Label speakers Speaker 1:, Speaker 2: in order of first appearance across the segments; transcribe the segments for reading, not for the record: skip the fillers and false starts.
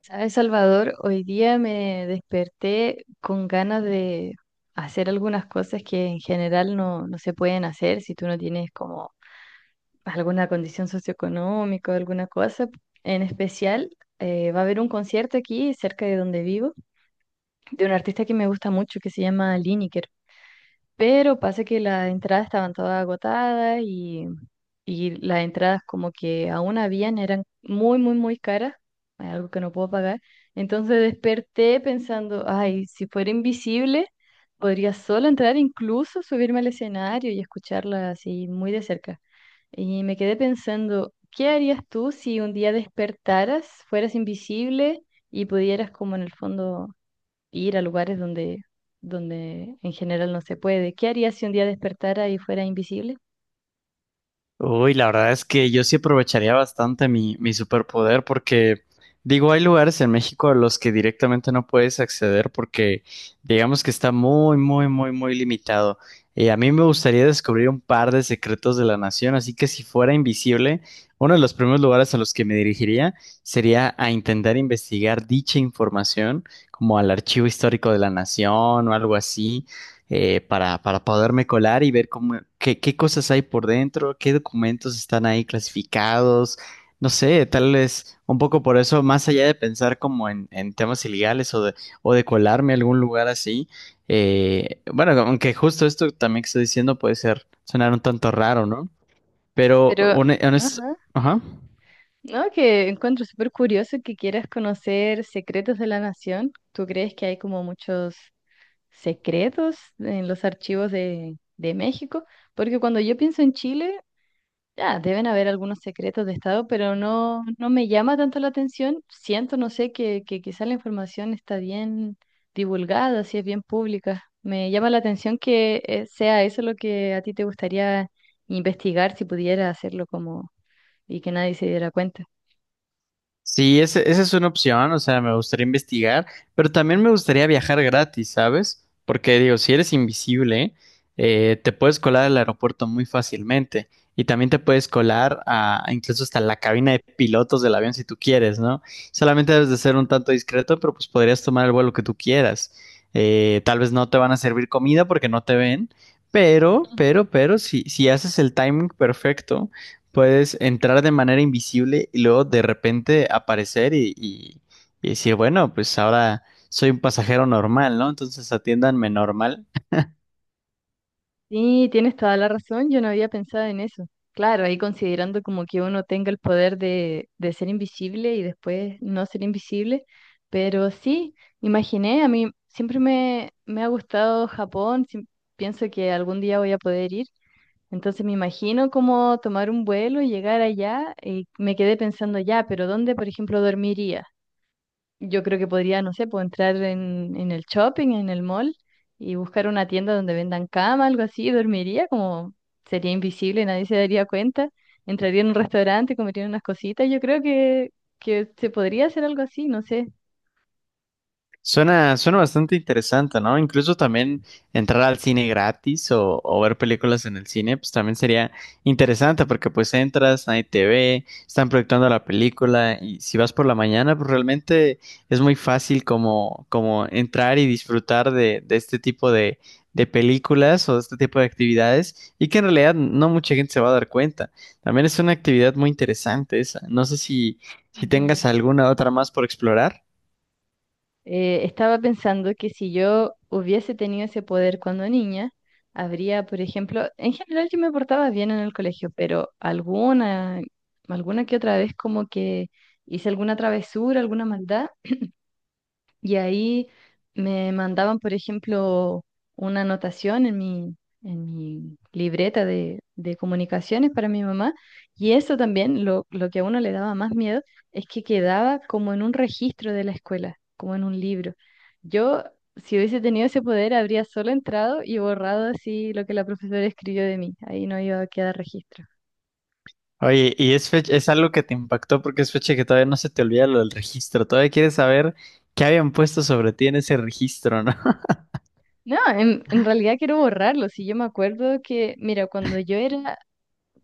Speaker 1: ¿Sabes, Salvador? Hoy día me desperté con ganas de hacer algunas cosas que en general no se pueden hacer si tú no tienes como alguna condición socioeconómica o alguna cosa. En especial, va a haber un concierto aquí cerca de donde vivo de un artista que me gusta mucho que se llama Liniker. Pero pasa que las entradas estaban todas agotadas y las entradas como que aún habían, eran muy, muy, muy caras, algo que no puedo pagar. Entonces desperté pensando, ay, si fuera invisible, podría solo entrar, incluso subirme al escenario y escucharla así muy de cerca. Y me quedé pensando, ¿qué harías tú si un día despertaras, fueras invisible y pudieras como en el fondo ir a lugares donde en general no se puede? ¿Qué harías si un día despertara y fuera invisible?
Speaker 2: Uy, la verdad es que yo sí aprovecharía bastante mi superpoder porque, digo, hay lugares en México a los que directamente no puedes acceder porque digamos que está muy, muy, muy, muy limitado. Y a mí me gustaría descubrir un par de secretos de la nación, así que si fuera invisible, uno de los primeros lugares a los que me dirigiría sería a intentar investigar dicha información, como al Archivo Histórico de la Nación o algo así para poderme colar y ver cómo, qué cosas hay por dentro, qué documentos están ahí clasificados. No sé, tal vez un poco por eso, más allá de pensar como en temas ilegales o de colarme a algún lugar así, bueno, aunque justo esto también que estoy diciendo puede ser sonar un tanto raro, ¿no? Pero,
Speaker 1: Pero, ajá,
Speaker 2: ajá.
Speaker 1: no, que encuentro súper curioso que quieras conocer secretos de la nación. ¿Tú crees que hay como muchos secretos en los archivos de México? Porque cuando yo pienso en Chile, ya, deben haber algunos secretos de Estado, pero no, no me llama tanto la atención. Siento, no sé, que quizá la información está bien divulgada, si es bien pública. Me llama la atención que sea eso lo que a ti te gustaría investigar si pudiera hacerlo como y que nadie se diera cuenta.
Speaker 2: Sí, esa es una opción, o sea, me gustaría investigar, pero también me gustaría viajar gratis, ¿sabes? Porque digo, si eres invisible, te puedes colar al aeropuerto muy fácilmente y también te puedes colar a incluso hasta la cabina de pilotos del avión si tú quieres, ¿no? Solamente debes de ser un tanto discreto, pero pues podrías tomar el vuelo que tú quieras. Tal vez no te van a servir comida porque no te ven, pero, si haces el timing perfecto. Puedes entrar de manera invisible y luego de repente aparecer y decir, bueno, pues ahora soy un pasajero normal, ¿no? Entonces atiéndanme normal.
Speaker 1: Sí, tienes toda la razón, yo no había pensado en eso. Claro, ahí considerando como que uno tenga el poder de ser invisible y después no ser invisible, pero sí, imaginé, a mí siempre me ha gustado Japón, pienso que algún día voy a poder ir, entonces me imagino como tomar un vuelo, llegar allá y me quedé pensando ya, pero ¿dónde, por ejemplo, dormiría? Yo creo que podría, no sé, puedo entrar en el shopping, en el mall y buscar una tienda donde vendan cama, algo así, y dormiría como sería invisible, nadie se daría cuenta. Entraría en un restaurante, comería unas cositas. Yo creo que se podría hacer algo así, no sé.
Speaker 2: Suena bastante interesante, ¿no? Incluso también entrar al cine gratis o ver películas en el cine, pues también sería interesante porque pues entras, nadie te ve, están proyectando la película y si vas por la mañana, pues realmente es muy fácil como, como entrar y disfrutar de este tipo de películas o de este tipo de actividades y que en realidad no mucha gente se va a dar cuenta. También es una actividad muy interesante esa. No sé si, si tengas
Speaker 1: Ujú.
Speaker 2: alguna otra más por explorar.
Speaker 1: Estaba pensando que si yo hubiese tenido ese poder cuando niña, habría, por ejemplo, en general yo me portaba bien en el colegio, pero alguna que otra vez como que hice alguna travesura, alguna maldad. Y ahí me mandaban, por ejemplo, una anotación en mi libreta de comunicaciones para mi mamá. Y eso también, lo que a uno le daba más miedo, es que quedaba como en un registro de la escuela, como en un libro. Yo, si hubiese tenido ese poder, habría solo entrado y borrado así lo que la profesora escribió de mí. Ahí no iba a quedar registro.
Speaker 2: Oye, y es fecha, es algo que te impactó porque es fecha que todavía no se te olvida lo del registro. Todavía quieres saber qué habían puesto sobre ti en ese registro, ¿no?
Speaker 1: No, en realidad quiero borrarlo. Si yo me acuerdo que, mira, cuando yo era.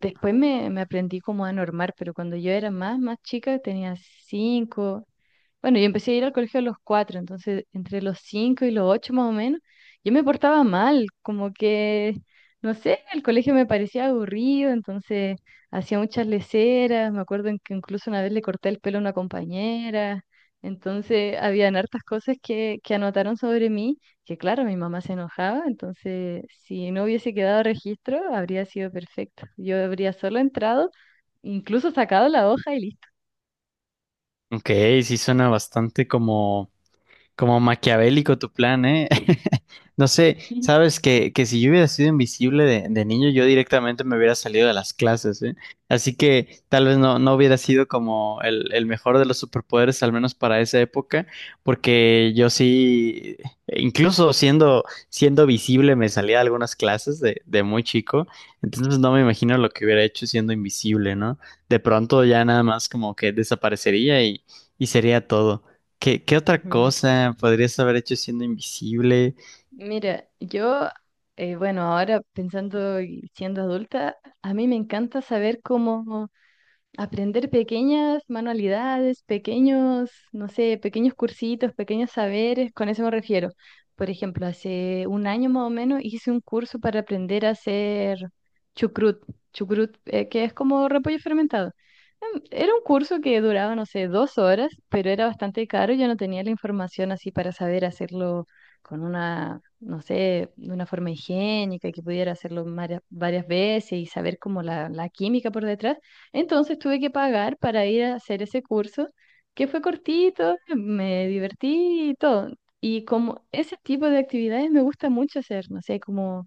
Speaker 1: Después me aprendí como a normar, pero cuando yo era más chica, tenía 5, bueno, yo empecé a ir al colegio a los 4, entonces entre los 5 y los 8 más o menos, yo me portaba mal, como que, no sé, el colegio me parecía aburrido, entonces hacía muchas leseras. Me acuerdo en que incluso una vez le corté el pelo a una compañera, entonces habían hartas cosas que anotaron sobre mí, que claro, mi mamá se enojaba, entonces si no hubiese quedado registro, habría sido perfecto. Yo habría solo entrado, incluso sacado la hoja y listo.
Speaker 2: Ok, sí suena bastante como como maquiavélico tu plan, ¿eh? No sé, sabes que si yo hubiera sido invisible de niño, yo directamente me hubiera salido de las clases, ¿eh? Así que tal vez no, no hubiera sido como el mejor de los superpoderes, al menos para esa época, porque yo sí, incluso siendo, siendo visible, me salía de algunas clases de muy chico, entonces no me imagino lo que hubiera hecho siendo invisible, ¿no? De pronto ya nada más como que desaparecería y sería todo. ¿ Qué otra
Speaker 1: Ujú.
Speaker 2: cosa podrías haber hecho siendo invisible?
Speaker 1: Mira, yo, bueno, ahora pensando y siendo adulta, a mí me encanta saber cómo aprender pequeñas manualidades, pequeños, no sé, pequeños cursitos, pequeños saberes, con eso me refiero. Por ejemplo, hace un año más o menos hice un curso para aprender a hacer chucrut, chucrut, que es como repollo fermentado. Era un curso que duraba, no sé, 2 horas, pero era bastante caro. Yo no tenía la información así para saber hacerlo con una, no sé, de una forma higiénica, que pudiera hacerlo varias veces y saber como la química por detrás. Entonces tuve que pagar para ir a hacer ese curso, que fue cortito, me divertí y todo. Y como ese tipo de actividades me gusta mucho hacer, no sé, como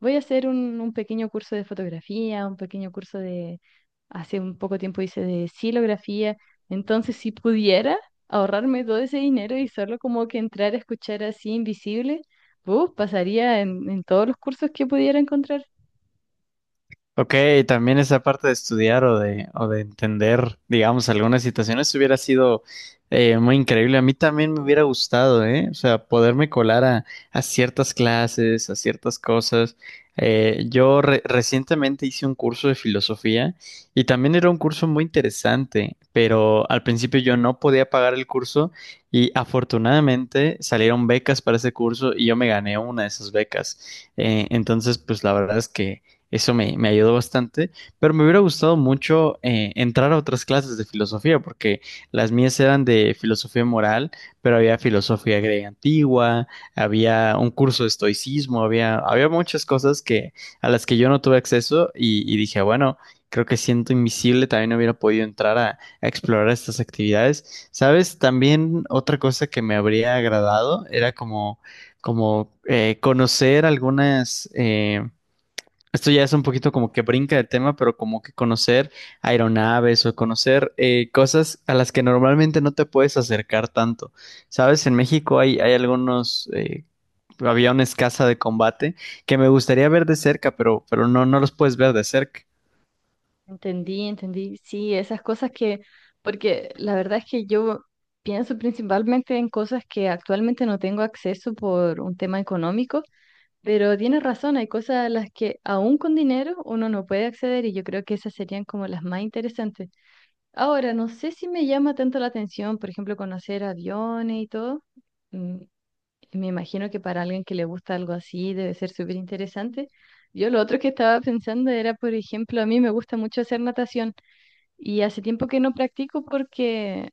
Speaker 1: voy a hacer un pequeño curso de fotografía, un pequeño curso de, hace un poco tiempo hice de silografía, entonces si pudiera ahorrarme todo ese dinero y solo como que entrar a escuchar así invisible, uf, pasaría en todos los cursos que pudiera encontrar.
Speaker 2: Ok, también esa parte de estudiar o de entender, digamos, algunas situaciones hubiera sido muy increíble. A mí también me hubiera gustado, ¿eh? O sea, poderme colar a ciertas clases, a ciertas cosas. Yo recientemente hice un curso de filosofía y también era un curso muy interesante, pero al principio yo no podía pagar el curso y afortunadamente salieron becas para ese curso y yo me gané una de esas becas. Entonces, pues la verdad es que... Eso me ayudó bastante, pero me hubiera gustado mucho entrar a otras clases de filosofía, porque las mías eran de filosofía moral, pero había filosofía griega antigua, había un curso de estoicismo, había, había muchas cosas que, a las que yo no tuve acceso y dije, bueno, creo que siento invisible, también no hubiera podido entrar a explorar estas actividades. ¿Sabes? También otra cosa que me habría agradado era como, como conocer algunas... esto ya es un poquito como que brinca el tema, pero como que conocer aeronaves o conocer cosas a las que normalmente no te puedes acercar tanto. Sabes, en México hay, hay algunos aviones caza de combate que me gustaría ver de cerca, pero no, no los puedes ver de cerca.
Speaker 1: Entendí, entendí. Sí, esas cosas que, porque la verdad es que yo pienso principalmente en cosas que actualmente no tengo acceso por un tema económico, pero tienes razón, hay cosas a las que aún con dinero uno no puede acceder y yo creo que esas serían como las más interesantes. Ahora, no sé si me llama tanto la atención, por ejemplo, conocer aviones y todo. Mm, Me imagino que para alguien que le gusta algo así debe ser súper interesante. Yo lo otro que estaba pensando era, por ejemplo, a mí me gusta mucho hacer natación. Y hace tiempo que no practico porque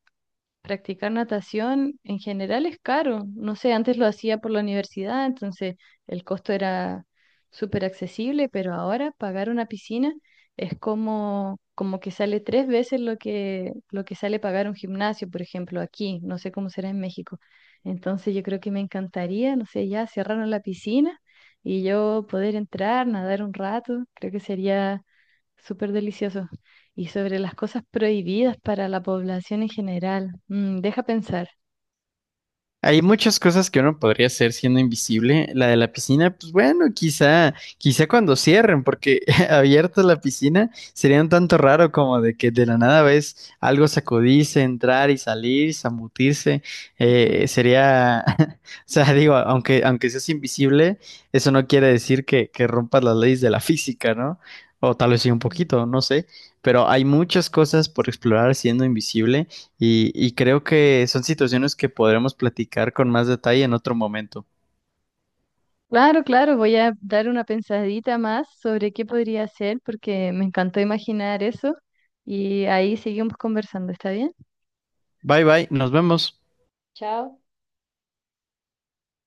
Speaker 1: practicar natación en general es caro. No sé, antes lo hacía por la universidad, entonces el costo era súper accesible, pero ahora pagar una piscina es como que sale tres veces lo que sale pagar un gimnasio, por ejemplo, aquí. No sé cómo será en México. Entonces yo creo que me encantaría, no sé, ya cerraron la piscina y yo poder entrar, nadar un rato, creo que sería súper delicioso y sobre las cosas prohibidas para la población en general. Deja pensar.
Speaker 2: Hay muchas cosas que uno podría hacer siendo invisible. La de la piscina, pues bueno, quizá, quizá cuando cierren, porque abierta la piscina sería un tanto raro como de que de la nada ves algo sacudirse, entrar y salir, zambutirse. Sería, o sea, digo, aunque, aunque seas invisible, eso no quiere decir que rompas las leyes de la física, ¿no? O tal vez sí un poquito, no sé. Pero hay muchas cosas por explorar siendo invisible. Y creo que son situaciones que podremos platicar con más detalle en otro momento.
Speaker 1: Claro, claro, voy a dar una pensadita más sobre qué podría ser porque me encantó imaginar eso y ahí seguimos conversando, ¿está bien?
Speaker 2: Bye bye, nos vemos.
Speaker 1: Chao.